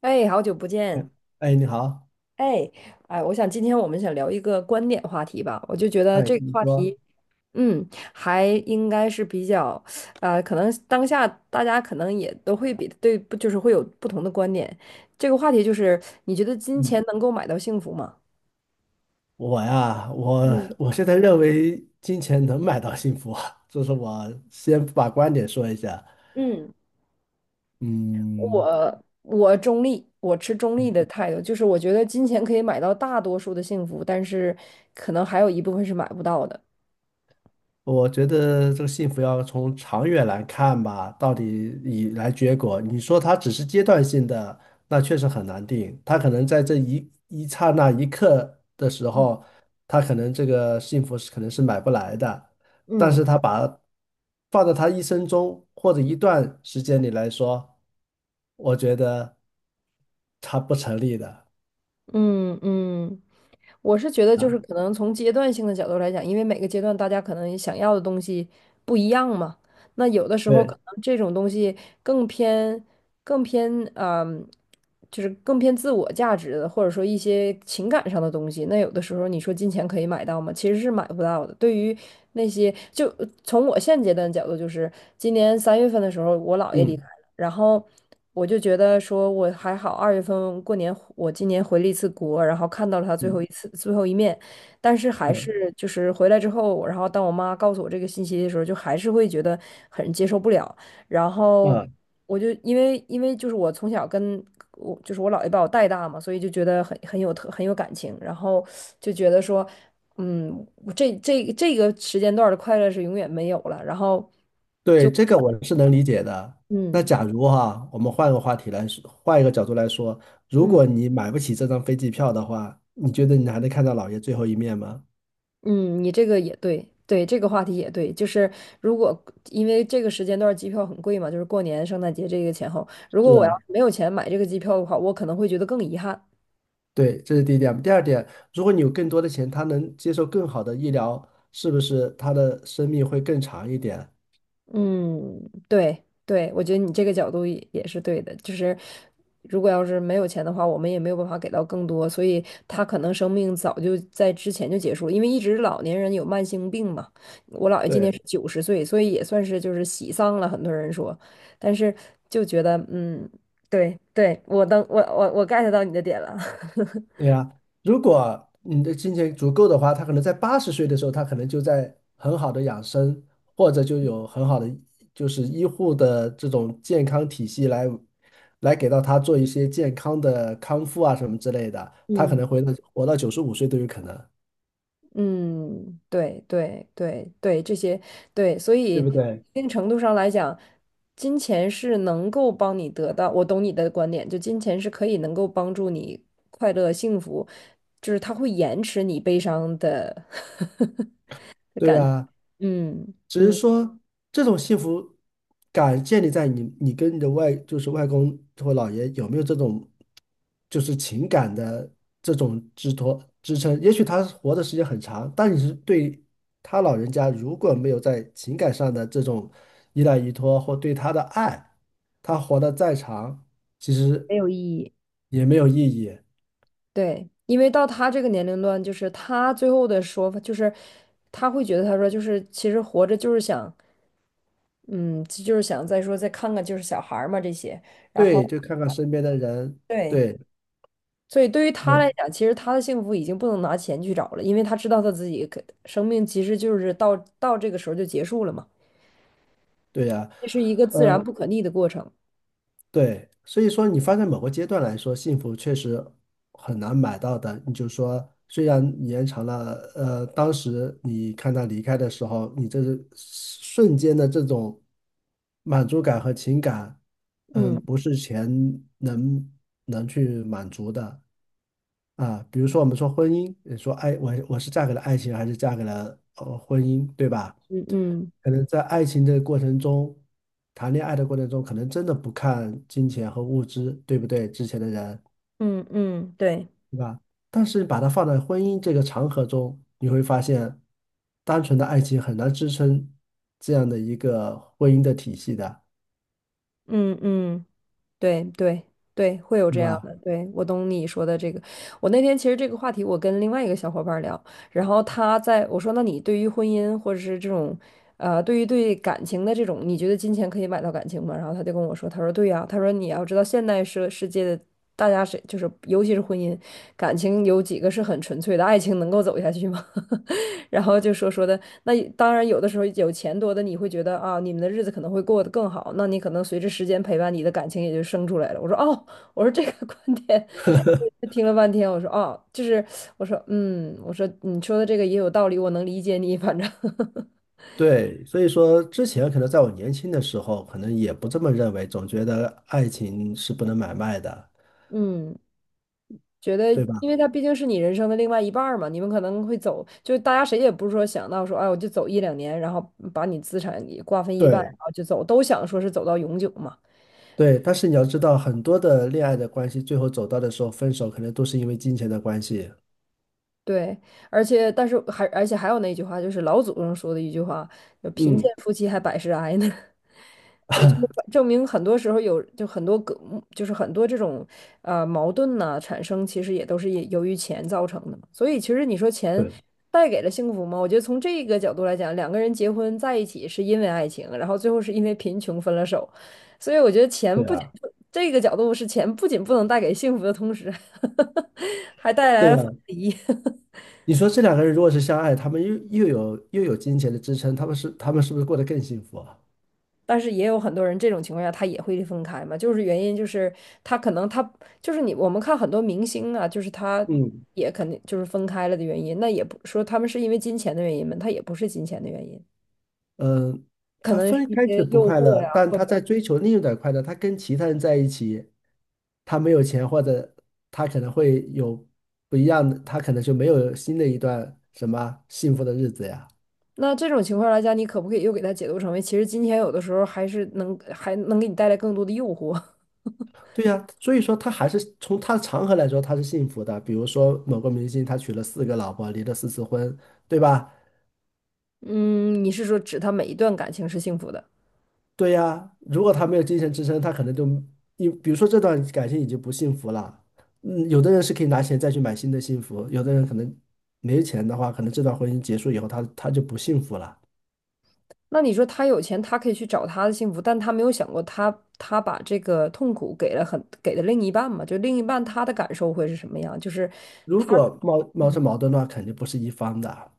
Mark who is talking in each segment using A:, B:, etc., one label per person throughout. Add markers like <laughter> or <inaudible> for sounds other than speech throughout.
A: 哎，好久不
B: 哎，
A: 见！
B: 哎，你好，
A: 哎，我想今天我们想聊一个观点话题吧，我就觉得
B: 哎，
A: 这个
B: 你
A: 话
B: 说，
A: 题，嗯，还应该是比较，呃，可能当下大家可能也都会比对，不就是会有不同的观点。这个话题就是，你觉得金
B: 嗯，
A: 钱能够买到幸福吗？
B: 我呀，我我现在认为金钱能买到幸福啊，这是我先把观点说一下。
A: 嗯
B: 嗯，
A: 我中立，我持中立的态度，就是我觉得金钱可以买到大多数的幸福，但是可能还有一部分是买不到的。
B: 我觉得这个幸福要从长远来看吧，到底以来结果。你说它只是阶段性的，那确实很难定。它可能在这一刹那一刻的时
A: 嗯，
B: 候，它可能这个幸福是可能是买不来的，但
A: 嗯
B: 是他把放在他一生中或者一段时间里来说，我觉得它不成立的
A: 嗯嗯。我是觉得，就是
B: 啊。
A: 可能从阶段性的角度来讲，因为每个阶段大家可能想要的东西不一样嘛。那有的时候可
B: 对，
A: 能这种东西更偏、更偏，嗯，就是更偏自我价值的，或者说一些情感上的东西。那有的时候你说金钱可以买到吗？其实是买不到的。对于那些，就从我现阶段的角度，就是今年三月份的时候，我姥爷离。
B: 嗯
A: 然后我就觉得说，我还好，二月份过年我今年回了一次国，然后看到了他
B: 嗯
A: 最后一面，但是还
B: 嗯
A: 是就是回来之后，然后当我妈告诉我这个信息的时候，就还是会觉得很接受不了。然后
B: 嗯。
A: 我就因为因为就是我从小跟我就是我姥爷把我带大嘛，所以就觉得很有感情，然后就觉得说，嗯，我这个时间段儿的快乐是永远没有了。然后
B: 对，
A: 就
B: 这个我是能理解的。那
A: 嗯
B: 假如哈，我们换个话题来说，换一个角度来说，如
A: 嗯。
B: 果你买不起这张飞机票的话，你觉得你还能看到姥爷最后一面吗？
A: 嗯，你这个也对，对，这个话题也对，就是如果因为这个时间段儿机票很贵嘛，就是过年、圣诞节这个前后，如
B: 是
A: 果我要
B: 啊，
A: 是没有钱买这个机票的话，我可能会觉得更遗憾。
B: 对，这是第一点。第二点，如果你有更多的钱，他能接受更好的医疗，是不是他的生命会更长一点？
A: 嗯，对对，我觉得你这个角度也是对的。就是如果要是没有钱的话，我们也没有办法给到更多，所以他可能生命早就在之前就结束了。因为一直老年人有慢性病嘛，我姥爷今
B: 对。
A: 年是九十岁，所以也算是就是喜丧了。很多人说，但是就觉得嗯，对对，我当我我我 get 到你的点了，
B: 对呀，如果你的金钱足够的话，他可能在八十岁的时候，他可能就在很好的养生，或者就有很好的就是医护的这种健康体系来给到他做一些健康的康复啊什么之类的，
A: <laughs>
B: 他可
A: 嗯。
B: 能会活到九十五岁都有可能，
A: 嗯，对对对对，这些对，所以
B: 对
A: 一
B: 不对？
A: 定程度上来讲，金钱是能够帮你得到，我懂你的观点，就金钱是能够帮助你快乐幸福，就是他会延迟你悲伤的 <laughs> 的
B: 对
A: 感觉，
B: 呀，
A: 嗯
B: 只是
A: 嗯，
B: 说这种幸福感建立在你跟你的外就是外公或姥爷有没有这种就是情感的这种支托支撑。也许他活的时间很长，但你是对他老人家如果没有在情感上的这种依赖依托或对他的爱，他活得再长，其实
A: 没有意义。
B: 也没有意义。
A: 对，因为到他这个年龄段，就是他最后的说法，就是他会觉得他说就是其实活着就是想，嗯，就是想再说再看看就是小孩儿嘛这些，然后。
B: 对，就看看身边的人，
A: 对，
B: 对，
A: 所以对于他来
B: 嗯，
A: 讲，其实他的幸福已经不能拿钱去找了，因为他知道他自己可生命其实就是到这个时候就结束了嘛，
B: 对呀，
A: 这是一个自
B: 呃。
A: 然不可逆的过程。
B: 对，所以说你发在某个阶段来说，幸福确实很难买到的。你就说，虽然你延长了，当时你看他离开的时候，你这是瞬间的这种满足感和情感，嗯，
A: 嗯
B: 不是钱能能去满足的啊。比如说，我们说婚姻，你说爱，我是嫁给了爱情，还是嫁给了婚姻，对吧？
A: 嗯嗯
B: 可能在爱情的过程中，谈恋爱的过程中，可能真的不看金钱和物质，对不对？之前的人，
A: 嗯嗯，对，
B: 对吧？但是把它放在婚姻这个长河中，你会发现，单纯的爱情很难支撑这样的一个婚姻的体系的，
A: 嗯嗯对对对，会有
B: 对
A: 这样
B: 吧？
A: 的。对，我懂你说的这个。我那天其实这个话题，我跟另外一个小伙伴聊，然后他在我说，那你对于婚姻或者是这种，呃，对于对感情的这种，你觉得金钱可以买到感情吗？然后他就跟我说，他说对呀，他说你要知道现代社世界的大家是就是尤其是婚姻感情有几个是很纯粹的，爱情能够走下去吗？<laughs> 然后就说说的，那也当然有的时候有钱多的你会觉得啊，你们的日子可能会过得更好，那你可能随着时间陪伴，你的感情也就生出来了。我说哦，我说这个观点，我听了半天，我说哦，就是我说嗯，我说你说的这个也有道理，我能理解你，反正 <laughs>
B: 对，所以说之前可能在我年轻的时候，可能也不这么认为，总觉得爱情是不能买卖的，
A: 嗯，觉得
B: 对吧？
A: 因为他毕竟是你人生的另外一半儿嘛，你们可能会走，就是大家谁也不是说想到说，哎，我就走一两年，然后把你资产也瓜分一半，然
B: 对
A: 后就走，都想说是走到永久嘛。
B: 对，但是你要知道，很多的恋爱的关系，最后走到的时候分手，可能都是因为金钱的关系。
A: 对，而且还有那句话，就是老祖宗说的一句话，就贫
B: 嗯，
A: 贱夫妻还百事哀呢。对，就是证明很多时候很多个，就是很多这种呃矛盾呢、产生，其实也都是也由于钱造成的嘛所以其实你说钱
B: 对
A: 带给了幸福吗？我觉得从这个角度来讲，两个人结婚在一起是因为爱情，然后最后是因为贫穷分了手。所以我觉得钱
B: 对
A: 不仅
B: 啊，
A: 这个角度是钱不仅不能带给幸福的同时，<laughs> 还带来
B: 对
A: 了
B: 啊。
A: 分离。
B: 你说这两个人如果是相爱，他们又有金钱的支撑，他们是不是过得更幸福啊？
A: 但是也有很多人这种情况下他也会分开嘛，就是原因就是他可能他就是我们看很多明星啊，就是他
B: 嗯，
A: 也肯定就是分开了的原因，那也不说他们是因为金钱的原因嘛，他也不是金钱的原因，
B: 嗯、呃
A: 可
B: 他
A: 能是
B: 分
A: 一
B: 开
A: 些
B: 是不
A: 诱
B: 快
A: 惑
B: 乐，
A: 呀，
B: 但
A: 或者
B: 他在追求另一种快乐。他跟其他人在一起，他没有钱，或者他可能会有不一样的，他可能就没有新的一段什么幸福的日子呀。
A: 那这种情况来讲，你可不可以又给他解读成为其实金钱有的时候还能给你带来更多的诱惑？<laughs>
B: 对呀，所以说他还是从他的长河来说，他是幸福的。比如说某个明星，他娶了四个老婆，离了四次婚，对吧？
A: 嗯，你是说指他每一段感情是幸福的？
B: 对呀，如果他没有精神支撑，他可能就你比如说这段感情已经不幸福了。嗯，有的人是可以拿钱再去买新的幸福，有的人可能没钱的话，可能这段婚姻结束以后他，他就不幸福了。
A: 那你说他有钱，他可以去找他的幸福，但他没有想过他把这个痛苦给了另一半嘛？就另一半他的感受会是什么样？就是
B: 如果冒出矛盾的话，肯定不是一方的。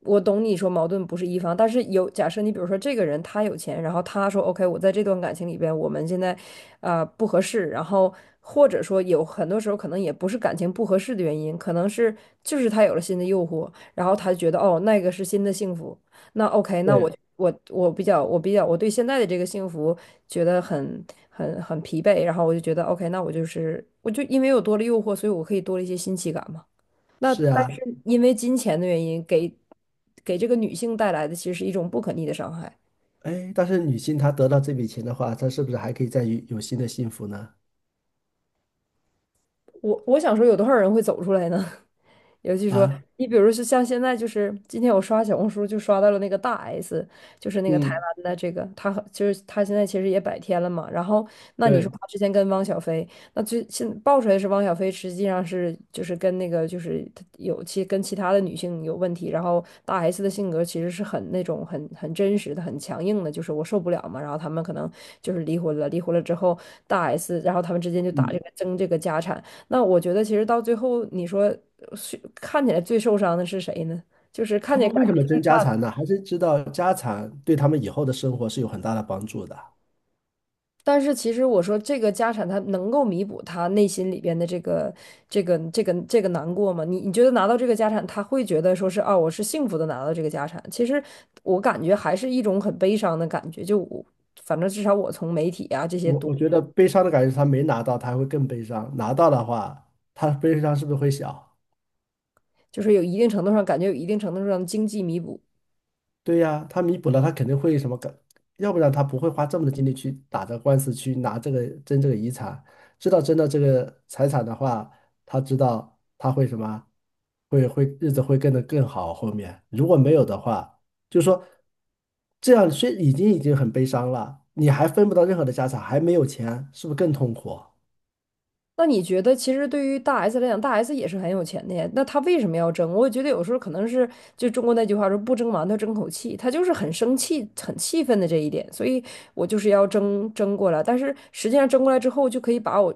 A: 我懂你说矛盾不是一方，但是有假设你比如说这个人他有钱，然后他说 OK，我在这段感情里边，我们现在呃不合适，然后或者说有很多时候可能也不是感情不合适的原因，可能是就是他有了新的诱惑，然后他觉得哦那个是新的幸福，那 OK，那我
B: 对，
A: 我我比较我比较我对现在的这个幸福觉得很疲惫，然后我就觉得 OK，那我就因为有多了诱惑，所以我可以多了一些新奇感嘛。那
B: 是
A: 但
B: 啊，
A: 是因为金钱的原因，给这个女性带来的其实是一种不可逆的伤害。
B: 哎，但是女性她得到这笔钱的话，她是不是还可以再有新的幸福呢？
A: 我想说，有多少人会走出来呢？尤其说，
B: 啊，
A: 你比如说像现在，就是今天我刷小红书就刷到了那个大 S，就是那个台
B: 嗯，
A: 湾的这个，她和就是她现在其实也百天了嘛。然后那你说
B: 对，
A: 她之前跟汪小菲，那最现爆出来是汪小菲实际上是就是跟那个就是她有其跟其他的女性有问题，然后大 S 的性格其实是很那种很真实的、很强硬的，就是我受不了嘛。然后他们可能就是离婚了，离婚了之后大 S，然后他们之间就打这
B: 嗯，
A: 个争这个家产。那我觉得其实到最后，你说呃是看起来最受伤的是谁呢？就是看
B: 他
A: 见
B: 们
A: 感
B: 为什么争家产呢？还是知道家产对他们以后的生活是有很大的帮助的。
A: 但是其实我说这个家产，他能够弥补他内心里边的这个难过吗？你觉得拿到这个家产，他会觉得说是啊，我是幸福的拿到这个家产？其实我感觉还是一种很悲伤的感觉。就我，反正至少我从媒体啊这些
B: 我
A: 读，
B: 我觉得悲伤的感觉是他没拿到，他还会更悲伤；拿到的话，他悲伤是不是会小？
A: 就是有一定程度上感觉有一定程度上的经济弥补。
B: 对呀，他弥补了，他肯定会什么感，要不然他不会花这么多精力去打这个官司，去拿这个争这个遗产。知道争到这个财产的话，他知道他会什么，会日子会变得更好。后面如果没有的话，就是说这样虽已经很悲伤了，你还分不到任何的家产，还没有钱，是不是更痛苦？
A: 那你觉得，其实对于大 S 来讲，大 S 也是很有钱的呀。那她为什么要争？我觉得有时候可能是就中国那句话说"不争馒头争口气"，她就是很生气、很气愤的这一点，所以我就是要争过来。但是实际上争过来之后，就可以把我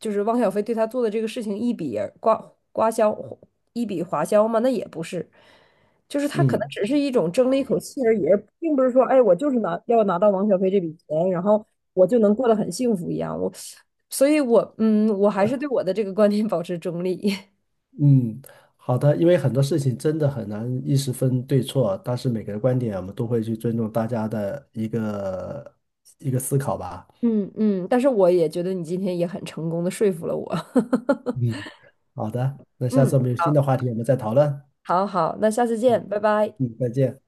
A: 就是汪小菲对她做的这个事情一笔划销吗？那也不是，就是她可能
B: 嗯。
A: 只是一种争了一口气而已，而并不是说，哎，我就是拿到汪小菲这笔钱，然后我就能过得很幸福一样。所以我还是对我的这个观点保持中立。<laughs>
B: 嗯，好的，因为很多事情真的很难一时分对错，但是每个人观点我们都会去尊重大家的一个思考吧。
A: 嗯嗯，但是我也觉得你今天也很成功的说服了我。
B: 嗯好的，
A: <laughs>
B: 那下
A: 嗯，
B: 次我们有新的话题，我们再讨论。
A: 好好，那下次
B: 嗯
A: 见，拜拜。
B: 嗯，再见。